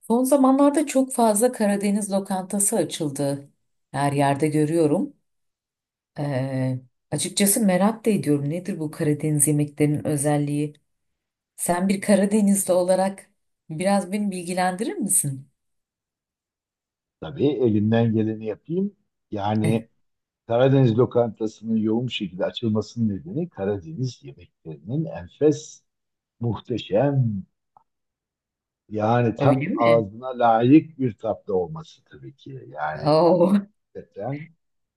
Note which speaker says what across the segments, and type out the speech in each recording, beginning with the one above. Speaker 1: Son zamanlarda çok fazla Karadeniz lokantası açıldı. Her yerde görüyorum. Ee, Açıkçası merak da ediyorum. Nedir bu Karadeniz yemeklerinin özelliği? Sen bir Karadenizli olarak biraz beni bilgilendirir misin?
Speaker 2: Tabii elimden geleni yapayım. Yani Karadeniz lokantasının yoğun bir şekilde açılmasının nedeni Karadeniz yemeklerinin enfes, muhteşem, yani
Speaker 1: Öyle
Speaker 2: tam
Speaker 1: mi?
Speaker 2: ağzına layık bir tatlı olması tabii ki. Yani
Speaker 1: Oo,
Speaker 2: gerçekten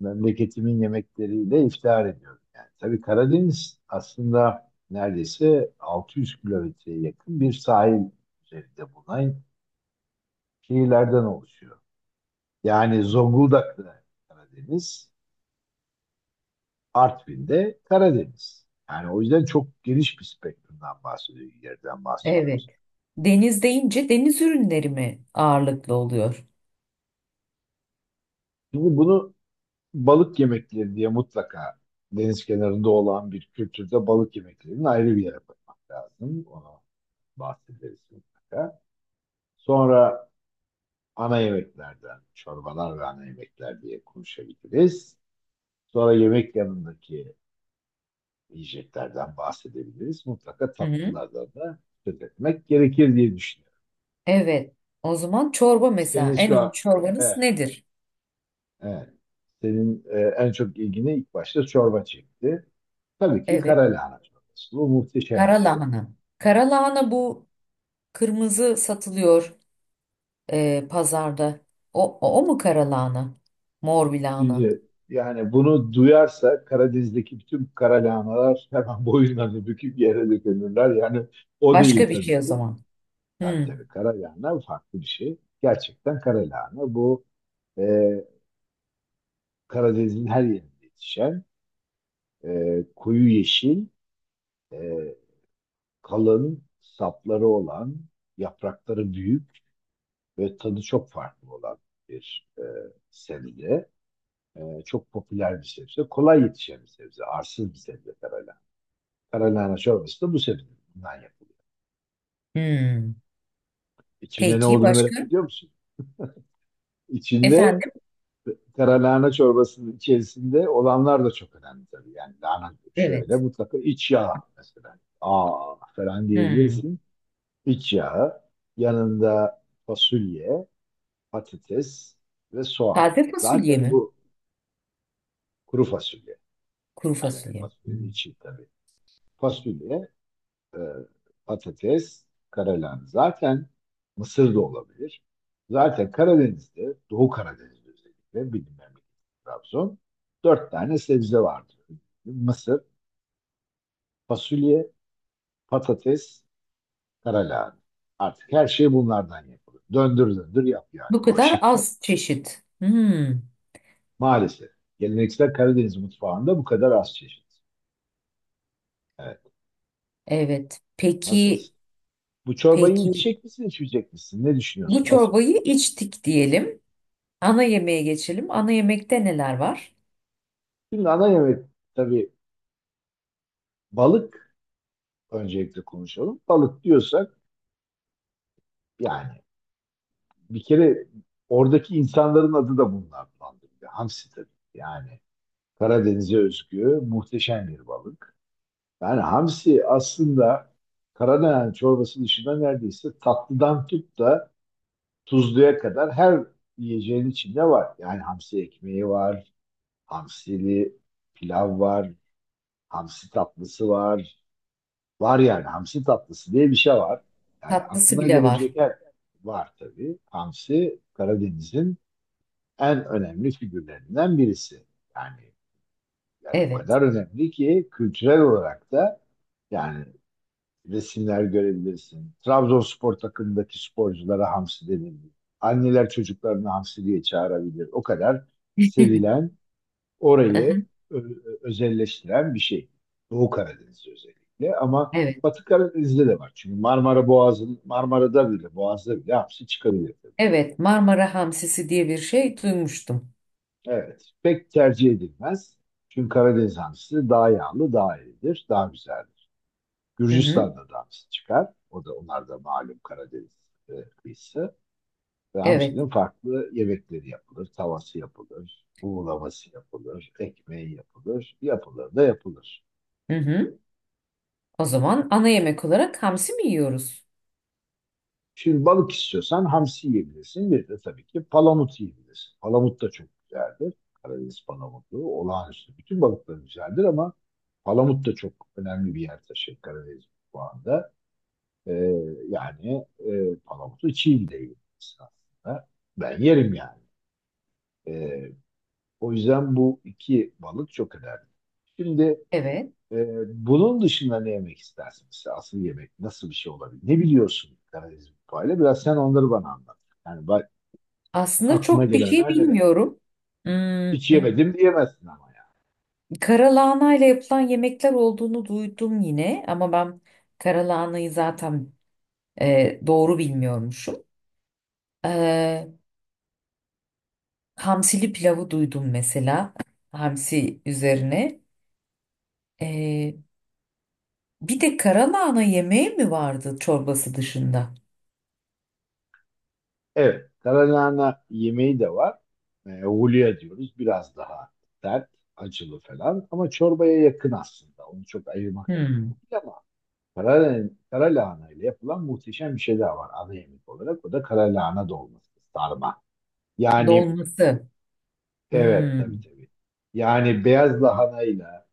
Speaker 2: memleketimin yemekleriyle iftihar ediyorum. Yani tabii Karadeniz aslında neredeyse 600 kilometreye yakın bir sahil üzerinde bulunan şehirlerden oluşuyor. Yani Zonguldak'ta Karadeniz. Artvin'de Karadeniz. Yani o yüzden çok geniş bir spektrumdan bahsediyoruz, yerden
Speaker 1: evet.
Speaker 2: bahsediyoruz.
Speaker 1: Deniz deyince deniz ürünleri mi ağırlıklı oluyor?
Speaker 2: Şimdi bunu balık yemekleri diye mutlaka deniz kenarında olan bir kültürde balık yemeklerinin ayrı bir yere koymak lazım. Ona bahsederiz mutlaka. Sonra ana yemeklerden, çorbalar ve ana yemekler diye konuşabiliriz. Sonra yemek yanındaki yiyeceklerden bahsedebiliriz. Mutlaka
Speaker 1: Hı hı.
Speaker 2: tatlılardan da söz etmek gerekir diye düşünüyorum.
Speaker 1: Evet. O zaman çorba
Speaker 2: Senin
Speaker 1: mesela. En
Speaker 2: şu
Speaker 1: ünlü
Speaker 2: an,
Speaker 1: çorbanız
Speaker 2: evet.
Speaker 1: nedir?
Speaker 2: Evet. Senin en çok ilgini ilk başta çorba çekti. Tabii ki
Speaker 1: Evet.
Speaker 2: kara lahana çorbası. Bu muhteşem bir
Speaker 1: Kara
Speaker 2: şey.
Speaker 1: lahana. Kara lahana bu kırmızı satılıyor, pazarda. O mu kara lahana? Mor bir lahana.
Speaker 2: Şimdi yani bunu duyarsa Karadeniz'deki bütün kara lahanalar hemen boyunlarını büküp yere dökülürler. Yani o değil
Speaker 1: Başka bir
Speaker 2: tabii
Speaker 1: şey o
Speaker 2: ki.
Speaker 1: zaman.
Speaker 2: Tabii,
Speaker 1: Hmm.
Speaker 2: tabii, kara lahana farklı bir şey. Gerçekten kara lahana bu e, Karadeniz'in her yerinde yetişen koyu yeşil, e, kalın sapları olan, yaprakları büyük ve tadı çok farklı olan bir sebze. Çok popüler bir sebze. Kolay yetişen bir sebze. Arsız bir sebze karalahana. Karalahana çorbası da bu sebze. Bundan yapılıyor.
Speaker 1: Hmm.
Speaker 2: İçinde ne
Speaker 1: Peki
Speaker 2: olduğunu merak
Speaker 1: başka?
Speaker 2: ediyor musun? İçinde
Speaker 1: Efendim?
Speaker 2: karalahana çorbasının içerisinde olanlar da çok önemli tabii. Yani lahana şöyle
Speaker 1: Evet.
Speaker 2: mutlaka iç yağ mesela. Aa falan
Speaker 1: Hmm.
Speaker 2: diyebilirsin. İç yağı. Yanında fasulye, patates ve soğan.
Speaker 1: Taze fasulye
Speaker 2: Zaten
Speaker 1: mi?
Speaker 2: bu kuru fasulye.
Speaker 1: Kuru
Speaker 2: Yani
Speaker 1: fasulye.
Speaker 2: fasulyenin
Speaker 1: Hmm.
Speaker 2: içi tabii. Fasulye, e, patates, karalahan. Zaten mısır da olabilir. Zaten Karadeniz'de, Doğu Karadeniz'de özellikle bildiğim memleket Trabzon. Dört tane sebze vardır. Mısır, fasulye, patates, karalahan. Artık her şey bunlardan yapılır. Döndür döndür yap yani
Speaker 1: Bu
Speaker 2: o
Speaker 1: kadar
Speaker 2: şekilde.
Speaker 1: az çeşit. Hmm.
Speaker 2: Maalesef. Geleneksel Karadeniz mutfağında bu kadar az çeşit. Evet.
Speaker 1: Evet. Peki,
Speaker 2: Nasılsın? Bu çorbayı
Speaker 1: peki
Speaker 2: içecek misin, içmeyecek misin? Ne
Speaker 1: bu
Speaker 2: düşünüyorsun? Nasıl?
Speaker 1: çorbayı içtik diyelim. Ana yemeğe geçelim. Ana yemekte neler var?
Speaker 2: Şimdi ana yemek tabii balık öncelikle konuşalım. Balık diyorsak yani bir kere oradaki insanların adı da bunlar bandırıyor. Hamsi tabii. Yani Karadeniz'e özgü muhteşem bir balık. Yani hamsi aslında Karadeniz çorbası dışında neredeyse tatlıdan tut da tuzluya kadar her yiyeceğin içinde var. Yani hamsi ekmeği var, hamsili pilav var, hamsi tatlısı var. Var yani hamsi tatlısı diye bir şey var. Yani
Speaker 1: Tatlısı
Speaker 2: aklına
Speaker 1: bile var.
Speaker 2: gelebilecek her var tabii. Hamsi Karadeniz'in en önemli figürlerinden birisi. Yani yani o
Speaker 1: Evet.
Speaker 2: kadar önemli ki kültürel olarak da yani resimler görebilirsin. Trabzonspor takımındaki sporculara hamsi denildi. Anneler çocuklarını hamsi diye çağırabilir. O kadar sevilen orayı ö- özelleştiren bir şey. Doğu Karadeniz'de özellikle ama
Speaker 1: Evet.
Speaker 2: Batı Karadeniz'de de var. Çünkü Marmara Boğazı'nın Marmara'da bile Boğaz'da bile hamsi çıkabilir. Tabii.
Speaker 1: Evet, Marmara hamsisi diye bir şey duymuştum.
Speaker 2: Evet. Pek tercih edilmez. Çünkü Karadeniz hamsisi daha yağlı, daha iyidir, daha güzeldir.
Speaker 1: Hı hı.
Speaker 2: Gürcistan'da da hamsi çıkar. O da onlar da malum Karadeniz e, kıyısı. Ve
Speaker 1: Evet.
Speaker 2: hamsinin farklı yemekleri yapılır. Tavası yapılır, buğulaması yapılır, ekmeği yapılır, yapılır da yapılır.
Speaker 1: Hı hı. O zaman ana yemek olarak hamsi mi yiyoruz?
Speaker 2: Şimdi balık istiyorsan hamsi yiyebilirsin. Bir de tabii ki palamut yiyebilirsin. Palamut da çok güzeldir. Karadeniz palamutu olağanüstü. Bütün balıklar güzeldir ama palamut da çok önemli bir yer taşır Karadeniz mutfağında. Ee, Yani palamutu çiğ de yiyebilirsin aslında. Ben yerim yani. Ee, O yüzden bu iki balık çok önemli. Şimdi
Speaker 1: Evet.
Speaker 2: e, bunun dışında ne yemek istersin? Mesela asıl yemek nasıl bir şey olabilir? Ne biliyorsun Karadeniz mutfağıyla? Biraz sen onları bana anlat. Yani
Speaker 1: Aslında
Speaker 2: aklına
Speaker 1: çok bir şey
Speaker 2: gelenler neler?
Speaker 1: bilmiyorum. Hmm,
Speaker 2: Hiç yemedim diyemezsin ama ya.
Speaker 1: karalahana ile yapılan yemekler olduğunu duydum yine ama ben karalahanayı zaten doğru bilmiyormuşum. E, Hamsili pilavı duydum mesela. Hamsi üzerine. E, Bir de karalahana yemeği mi vardı çorbası dışında?
Speaker 2: Evet, karalahana yemeği de var. Hulya diyoruz. Biraz daha sert, acılı falan. Ama çorbaya yakın aslında. Onu çok ayırmak mümkün
Speaker 1: Hmm.
Speaker 2: değil ama karalahana ile yapılan muhteşem bir şey daha var ana yemek olarak. O da karalahana dolması, sarma. Yani
Speaker 1: Dolması.
Speaker 2: evet,
Speaker 1: Hmm.
Speaker 2: tabii, tabii. Yani beyaz lahanayla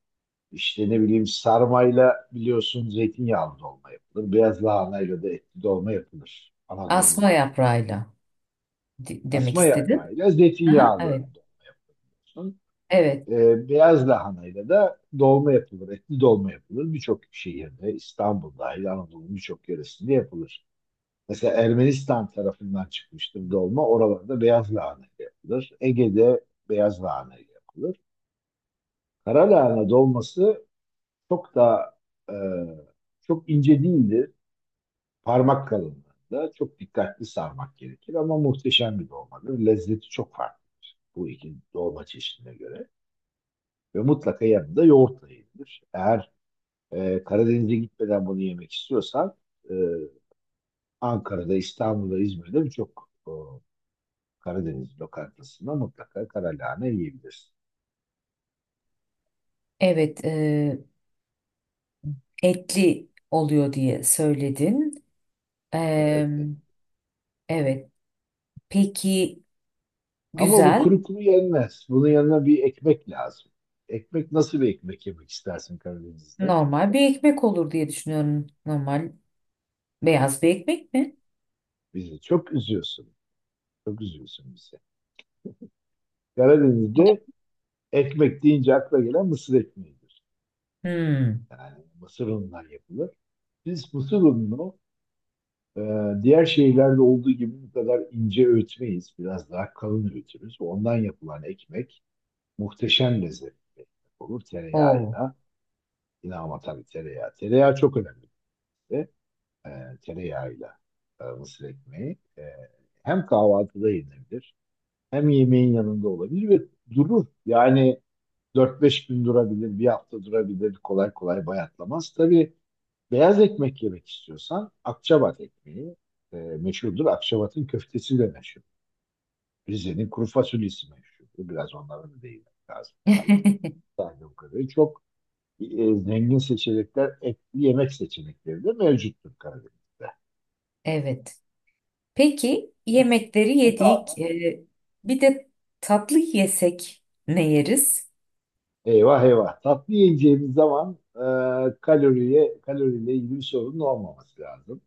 Speaker 2: İşte ne bileyim sarmayla biliyorsun zeytinyağlı dolma yapılır. Beyaz lahanayla da etli dolma yapılır. Anadolu
Speaker 1: Asma
Speaker 2: diye.
Speaker 1: yaprağıyla demek
Speaker 2: Asma
Speaker 1: istedin.
Speaker 2: yaprağıyla
Speaker 1: Aha,
Speaker 2: zeytinyağlı
Speaker 1: evet.
Speaker 2: dolma yapılır.
Speaker 1: Evet.
Speaker 2: Beyaz lahanayla da dolma yapılır. Etli dolma yapılır. Birçok şehirde İstanbul dahil Anadolu'nun birçok yöresinde yapılır. Mesela Ermenistan tarafından çıkmıştır dolma. Oralarda beyaz lahana ile yapılır. Ege'de beyaz lahana ile yapılır. Kara lahana dolması çok daha e, çok ince değildir. Parmak kalınlığında çok dikkatli sarmak gerekir ama muhteşem bir dolmadır. Lezzeti çok farklı bu iki dolma çeşidine göre. Ve mutlaka yanında yoğurtla yenilir. Eğer Karadeniz'e gitmeden bunu yemek istiyorsan e, Ankara'da, İstanbul'da, İzmir'de birçok Karadeniz lokantasında mutlaka karalahane yiyebilirsin.
Speaker 1: Evet. Etli oluyor diye söyledin. E,
Speaker 2: Evet.
Speaker 1: evet. Peki
Speaker 2: Ama bu
Speaker 1: güzel.
Speaker 2: kuru kuru yenmez. Bunun yanına bir ekmek lazım. Ekmek nasıl bir ekmek yemek istersin Karadeniz'de?
Speaker 1: Normal bir ekmek olur diye düşünüyorum. Normal beyaz bir ekmek mi?
Speaker 2: Bizi çok üzüyorsun. Çok üzüyorsun bizi. Karadeniz'de ekmek deyince akla gelen mısır ekmeğidir.
Speaker 1: Hmm.
Speaker 2: Yani mısır unundan yapılır. Biz mısır ununu e, diğer şeylerde olduğu gibi bu kadar ince öğütmeyiz. Biraz daha kalın öğütürüz. Ondan yapılan ekmek muhteşem lezzetli bir ekmek olur.
Speaker 1: Oo.
Speaker 2: Tereyağıyla, yine ama tabii tereyağı. Tereyağı çok önemli bize. E, Tereyağıyla mısır ekmeği. Hem kahvaltıda yenilebilir, hem yemeğin yanında olabilir ve durur. Yani 4-5 gün durabilir, bir hafta durabilir. Kolay kolay bayatlamaz. Tabii beyaz ekmek yemek istiyorsan Akçabat ekmeği meşhurdur. Akçabat'ın köftesi de meşhur. Rize'nin kuru fasulyesi meşhurdur. Biraz onların da değinmek lazım tabii. Sadece bu kadar. Çok zengin seçenekler, etli yemek seçenekleri de mevcuttur Karadeniz'de.
Speaker 1: Evet. Peki yemekleri
Speaker 2: Ne
Speaker 1: yedik.
Speaker 2: kaldı?
Speaker 1: Bir de tatlı yesek ne yeriz?
Speaker 2: Eyvah eyvah. Tatlı yiyeceğimiz zaman kaloriyle ilgili bir sorunun olmaması lazım.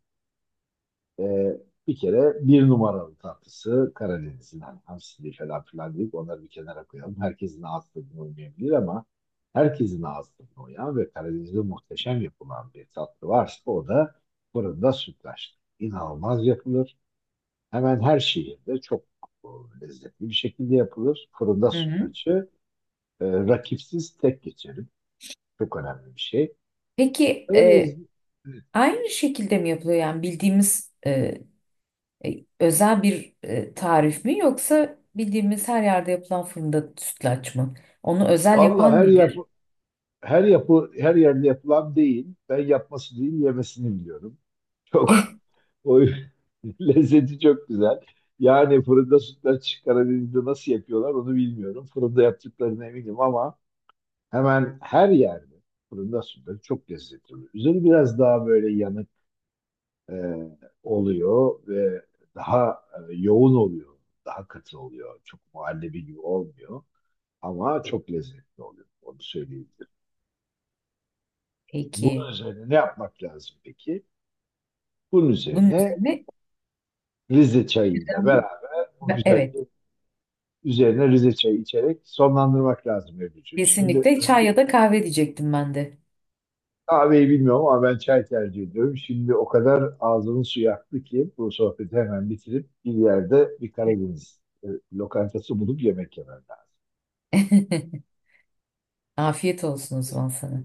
Speaker 2: Ee, Bir kere bir numaralı tatlısı Karadeniz'in hani hamsili falan filan deyip onları bir kenara koyalım. Herkesin ağız tadına uymayabilir ama herkesin ağız tadına uyan ve Karadeniz'de muhteşem yapılan bir tatlı varsa o da fırında sütlaç. İnanılmaz yapılır. Hemen her şehirde çok e, lezzetli bir şekilde yapılır. Fırında
Speaker 1: Hı hı.
Speaker 2: sütlaçı rakipsiz tek geçerim. Çok önemli bir şey.
Speaker 1: Peki
Speaker 2: Öyle,
Speaker 1: aynı şekilde mi yapılıyor yani bildiğimiz özel bir tarif mi yoksa bildiğimiz her yerde yapılan fırında sütlaç mı? Onu özel
Speaker 2: valla
Speaker 1: yapan nedir?
Speaker 2: her yerde yapılan değil. Ben yapması değil yemesini biliyorum. Çok o lezzeti çok güzel. Yani fırında sütlaç Karadeniz'de nasıl yapıyorlar onu bilmiyorum. Fırında yaptıklarına eminim ama hemen her yerde fırında sütlaç çok lezzetli oluyor. Üzeri biraz daha böyle yanık e, oluyor ve daha yoğun oluyor. Daha katı oluyor. Çok muhallebi gibi olmuyor ama çok lezzetli oluyor. Onu söyleyebilirim. Bunun
Speaker 1: Peki
Speaker 2: üzerine ne yapmak lazım peki? Bunun
Speaker 1: bunun
Speaker 2: üzerine
Speaker 1: üzerine
Speaker 2: Rize çayıyla beraber bu
Speaker 1: Evet,
Speaker 2: güzelliği üzerine Rize çayı içerek sonlandırmak lazım Ebru'cum. Şimdi
Speaker 1: kesinlikle çay
Speaker 2: önce
Speaker 1: ya da kahve diyecektim ben de.
Speaker 2: kahveyi bilmiyorum ama ben çay tercih ediyorum. Şimdi o kadar ağzımın suyu aktı ki bu sohbeti hemen bitirip bir yerde bir Karadeniz lokantası bulup yemek yemem lazım.
Speaker 1: Afiyet olsun o zaman sana.